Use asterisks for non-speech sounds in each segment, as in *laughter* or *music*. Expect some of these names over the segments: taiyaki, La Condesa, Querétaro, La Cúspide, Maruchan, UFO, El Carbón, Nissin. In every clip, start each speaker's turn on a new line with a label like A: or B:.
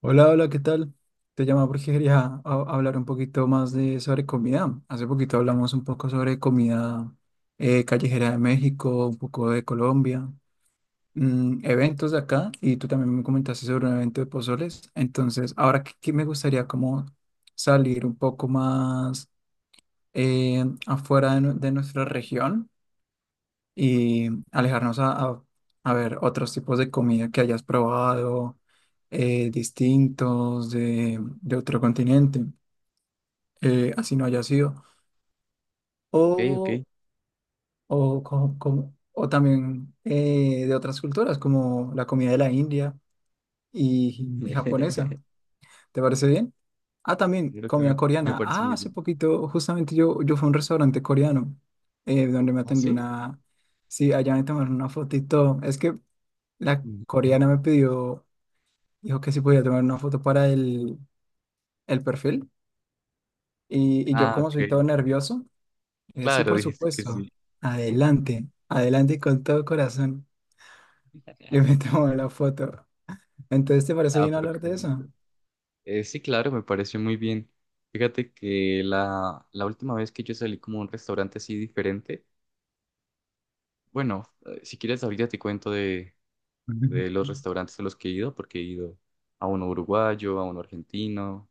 A: Hola, hola, ¿qué tal? Te llamo porque quería hablar un poquito más de sobre comida. Hace poquito hablamos un poco sobre comida callejera de México, un poco de Colombia, eventos de acá, y tú también me comentaste sobre un evento de pozoles. Entonces, ahora que me gustaría como salir un poco más afuera de nuestra región y alejarnos a ver otros tipos de comida que hayas probado, distintos de otro continente, así no haya sido,
B: Ok. Ok.
A: o, o también de otras culturas, como la comida de la India y japonesa.
B: *laughs*
A: ¿Te parece bien? Ah, también
B: Creo
A: comida
B: me
A: coreana.
B: parece
A: Ah,
B: muy
A: hace
B: bien.
A: poquito justamente yo fui a un restaurante coreano, donde me
B: ¿Ah,
A: atendió
B: sí?
A: una... Sí, allá me tomaron una fotito. Es que la
B: Mm.
A: coreana me pidió, dijo que si podía tomar una foto para el perfil. Y yo
B: Ah,
A: como
B: ok.
A: soy todo
B: Ok.
A: nervioso, le sí,
B: Claro,
A: por
B: dijiste que sí.
A: supuesto. Adelante, adelante y con todo corazón. Yo me *laughs* tomo la foto. Entonces, ¿te parece
B: Ah,
A: bien
B: pero qué
A: hablar de
B: bonito.
A: eso?
B: Sí, claro, me pareció muy bien. Fíjate que la última vez que yo salí como a un restaurante así diferente, bueno, si quieres ahorita te cuento de los
A: *laughs*
B: restaurantes a los que he ido, porque he ido a uno uruguayo, a uno argentino,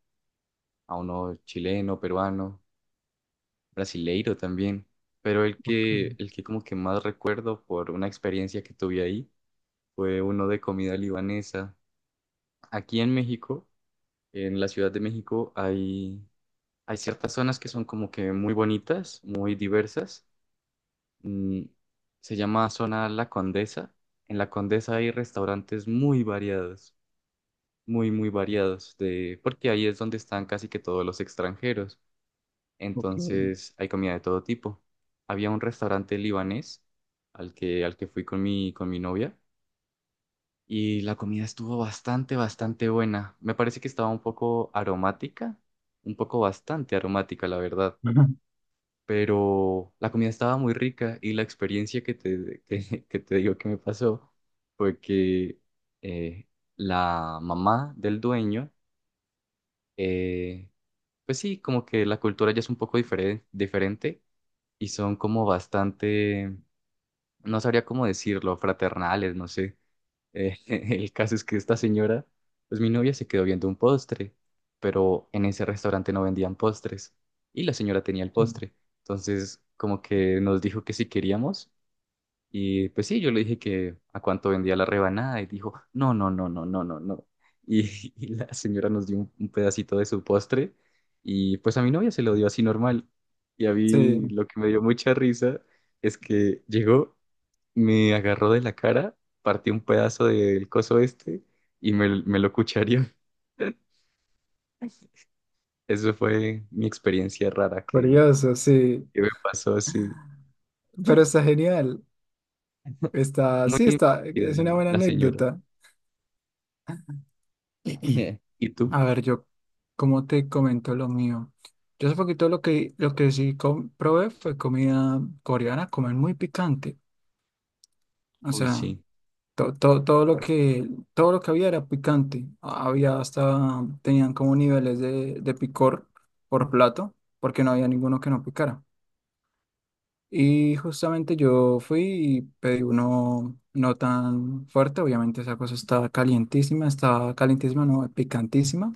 B: a uno chileno, peruano. Brasileiro también, pero
A: Ok,
B: el que como que más recuerdo por una experiencia que tuve ahí fue uno de comida libanesa. Aquí en México, en la Ciudad de México, hay ciertas zonas que son como que muy bonitas, muy diversas. Mm, se llama zona La Condesa. En La Condesa hay restaurantes muy variados, muy variados, porque ahí es donde están casi que todos los extranjeros.
A: ok.
B: Entonces hay comida de todo tipo. Había un restaurante libanés al que fui con con mi novia y la comida estuvo bastante buena. Me parece que estaba un poco aromática, un poco bastante aromática, la verdad.
A: *laughs*
B: Pero la comida estaba muy rica y la experiencia *laughs* que te digo que me pasó fue que eh, la mamá del dueño, eh, pues sí, como que la cultura ya es un poco diferente y son como bastante, no sabría cómo decirlo, fraternales, no sé. *laughs* El caso es que esta señora, pues mi novia se quedó viendo un postre, pero en ese restaurante no vendían postres y la señora tenía el postre. Entonces, como que nos dijo que si queríamos y pues sí, yo le dije que a cuánto vendía la rebanada y dijo, no, no, no, no, no, no, no. Y, *laughs* y la señora nos dio un pedacito de su postre y pues a mi novia se lo dio así normal. Y a
A: Sí,
B: mí lo que me dio mucha risa es que llegó, me agarró de la cara, partió un pedazo del coso este me lo cuchareó. *laughs* Eso fue mi experiencia rara
A: curioso, sí.
B: que me pasó así,
A: Pero está genial. Está,
B: muy
A: sí, está, es
B: divertida
A: una buena
B: la señora.
A: anécdota. *clears throat*
B: *laughs* ¿Y tú?
A: A ver, yo, ¿como te comento lo mío? Yo hace poquito lo que sí probé fue comida coreana, comer muy picante. O
B: Uy,
A: sea,
B: sí.
A: todo lo todo lo que había era picante. Había hasta, tenían como niveles de picor por plato, porque no había ninguno que no picara. Y justamente yo fui y pedí uno no tan fuerte, obviamente esa cosa estaba calientísima, no, picantísima.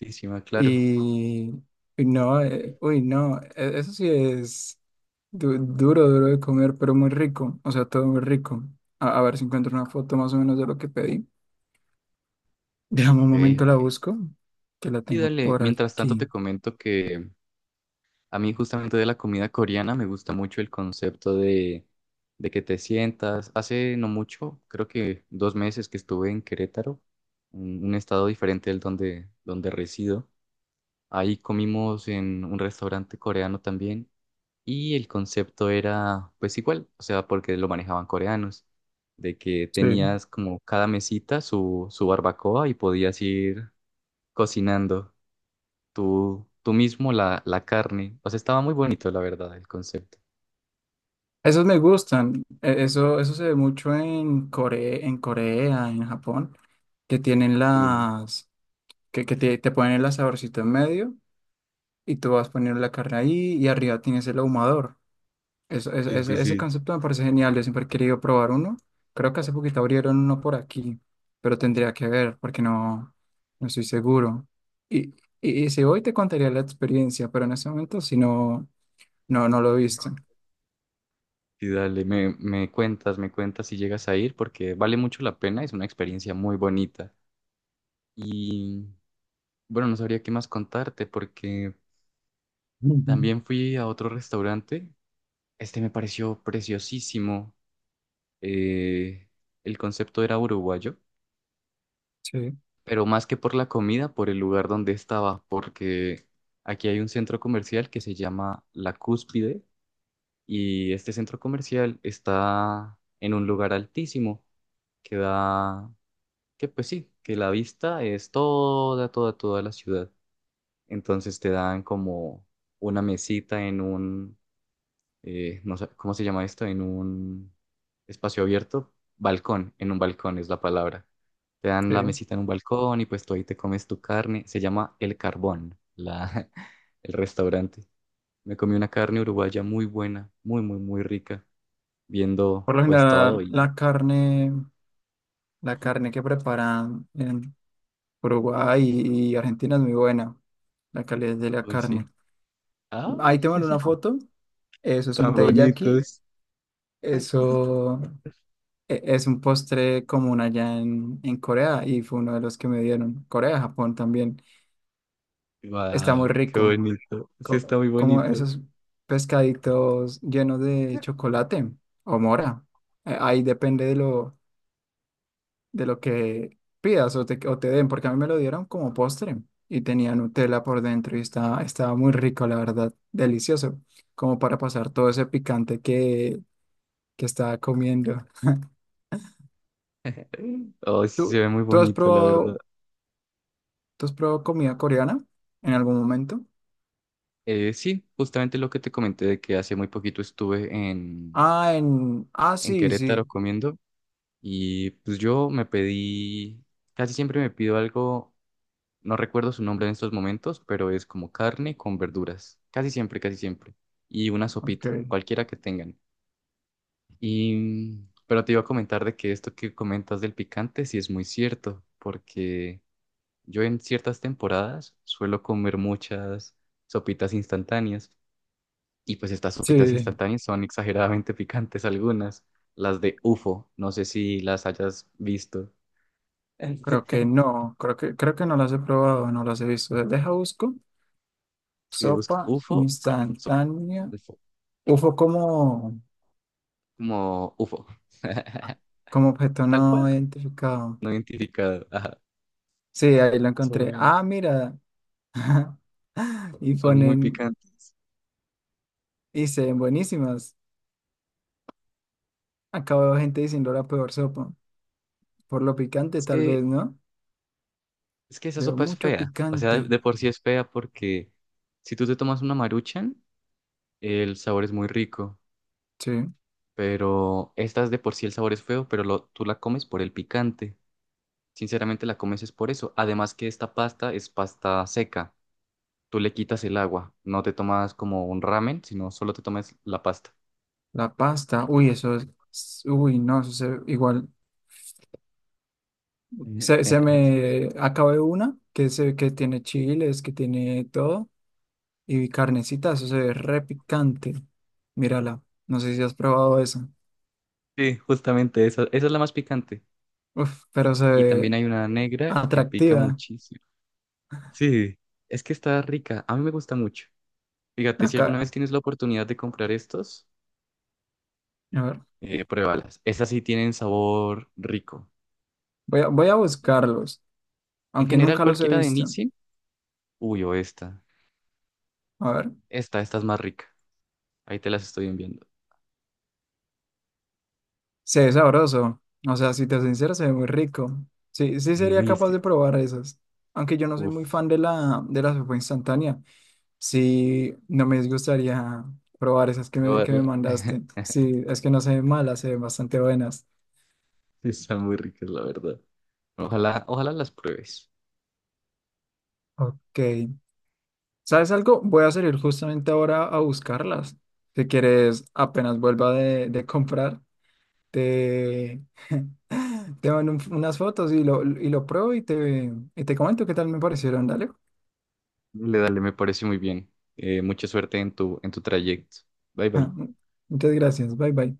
B: Encima, claro.
A: Y y no, uy, no, eso sí es duro, duro de comer, pero muy rico, o sea, todo muy rico. A ver si encuentro una foto más o menos de lo que pedí. *laughs* Déjame un
B: Ok,
A: momento, la
B: ok.
A: busco, que la
B: Sí,
A: tengo
B: dale.
A: por
B: Mientras tanto te
A: aquí.
B: comento que a mí justamente de la comida coreana me gusta mucho el concepto de que te sientas. Hace no mucho, creo que dos meses que estuve en Querétaro, un estado diferente del donde resido. Ahí comimos en un restaurante coreano también y el concepto era pues igual, o sea, porque lo manejaban coreanos, de que
A: Sí.
B: tenías como cada mesita su barbacoa y podías ir cocinando tú mismo la carne. O sea, estaba muy bonito, la verdad, el concepto.
A: Esos me gustan, eso, eso se ve mucho en Corea, en Corea, en Japón, que tienen
B: Sí,
A: las, te ponen el asadorcito en medio y tú vas poniendo la carne ahí y arriba tienes el ahumador.
B: sí, sí,
A: Ese
B: sí.
A: concepto me parece genial, yo siempre he querido probar uno. Creo que hace poquito abrieron uno por aquí, pero tendría que ver porque no, no estoy seguro. Y, y si hoy te contaría la experiencia, pero en ese momento si no, no, no lo he visto.
B: Y dale, me cuentas si llegas a ir porque vale mucho la pena, es una experiencia muy bonita. Y bueno, no sabría qué más contarte porque
A: Ujú.
B: también fui a otro restaurante. Este me pareció preciosísimo. Eh, el concepto era uruguayo,
A: Sí,
B: pero más que por la comida, por el lugar donde estaba, porque aquí hay un centro comercial que se llama La Cúspide y este centro comercial está en un lugar altísimo que da, que pues sí, que la vista es toda, toda, toda la ciudad. Entonces te dan como una mesita en un no sé cómo se llama esto, en un espacio abierto, balcón, en un balcón es la palabra. Te dan la
A: sí.
B: mesita en un balcón y pues tú ahí te comes tu carne. Se llama El Carbón, la, *laughs* el restaurante. Me comí una carne uruguaya muy buena, muy, muy, muy rica, viendo
A: Por lo
B: pues todo
A: general,
B: y...
A: la carne que preparan en Uruguay y Argentina es muy buena, la calidad de la
B: Uy, sí.
A: carne. Ahí te
B: ¡Ay,
A: mando una foto, eso es
B: tan
A: un taiyaki,
B: bonitos! *laughs*
A: eso... es un postre común allá en Corea y fue uno de los que me dieron. Corea, Japón también. Está muy
B: ¡Wow! ¡Qué
A: rico.
B: bonito! Sí, está muy
A: Como
B: bonito.
A: esos pescaditos llenos de chocolate o mora. Ahí depende de de lo que pidas o te den, porque a mí me lo dieron como postre y tenía Nutella por dentro y estaba, estaba muy rico, la verdad. Delicioso. Como para pasar todo ese picante que estaba comiendo.
B: Oh, sí, se
A: ¿Tú,
B: ve muy
A: ¿tú has
B: bonito, la verdad.
A: probado? ¿Tú has probado comida coreana en algún momento?
B: Sí, justamente lo que te comenté de que hace muy poquito estuve
A: Ah, en... Ah,
B: en
A: sí, sí.
B: Querétaro comiendo y pues yo me pedí, casi siempre me pido algo, no recuerdo su nombre en estos momentos, pero es como carne con verduras, casi siempre, y una sopita,
A: Ok.
B: cualquiera que tengan. Y, pero te iba a comentar de que esto que comentas del picante sí es muy cierto, porque yo en ciertas temporadas suelo comer muchas sopitas instantáneas. Y pues estas sopitas
A: Sí,
B: instantáneas son exageradamente *laughs* picantes algunas. Las de UFO, no sé si las hayas visto.
A: creo que
B: *laughs*
A: no. Creo que no las he probado, no las he visto. Deja busco.
B: Si buscas
A: Sopa
B: UFO, so-
A: instantánea.
B: UFO,
A: Ufo como,
B: como UFO. *laughs*
A: como objeto
B: Tal
A: no
B: cual,
A: identificado.
B: no identificado. Ajá.
A: Sí, ahí lo encontré.
B: Son,
A: Ah, mira. *laughs* Y
B: son muy
A: ponen...
B: picantes.
A: Y se ven buenísimas. Acabo de ver gente diciendo la peor sopa. Por lo picante,
B: Es
A: tal
B: que,
A: vez, ¿no?
B: es que esa
A: Veo
B: sopa es
A: mucho
B: fea. O sea,
A: picante.
B: de por sí es fea porque si tú te tomas una Maruchan, el sabor es muy rico.
A: Sí.
B: Pero estas de por sí el sabor es feo, pero tú la comes por el picante. Sinceramente la comes es por eso. Además que esta pasta es pasta seca. Tú le quitas el agua. No te tomas como un ramen, sino solo te tomas la pasta.
A: La pasta, uy, eso es, uy, no, igual, se
B: *laughs*
A: me acabé una que tiene chiles, que tiene todo, y carnecita, eso se ve re picante, mírala, no sé si has probado eso.
B: Sí, justamente esa, esa es la más picante.
A: Uf, pero se
B: Y
A: ve
B: también hay una negra que pica
A: atractiva,
B: muchísimo. Sí, es que está rica. A mí me gusta mucho. Fíjate, si alguna
A: acá,
B: vez tienes la oportunidad de comprar estos,
A: a ver,
B: pruébalas. Esas sí tienen sabor rico.
A: voy a buscarlos,
B: En
A: aunque
B: general,
A: nunca los he
B: cualquiera de
A: visto,
B: Nissin, uy, o esta.
A: a ver,
B: Esta es más rica. Ahí te las estoy enviando.
A: se ve sabroso, o sea, si te soy sincero, se ve muy rico, sí, sí
B: No,
A: sería
B: y es
A: capaz
B: que
A: de probar esas, aunque yo no soy
B: Uf,
A: muy fan de de la sopa instantánea. Sí, no me disgustaría probar esas que me
B: probarla. *laughs*
A: mandaste. Sí, es que no se ven malas, se ven bastante buenas.
B: Están muy ricas, la verdad. Ojalá, ojalá las pruebes.
A: Ok. ¿Sabes algo? Voy a salir justamente ahora a buscarlas. Si quieres, apenas vuelva de comprar, te, te mando unas fotos y y lo pruebo y te comento qué tal me parecieron. Dale.
B: Dale, dale, me parece muy bien. Mucha suerte en en tu trayecto. Bye, bye.
A: *laughs* Muchas gracias. Bye bye.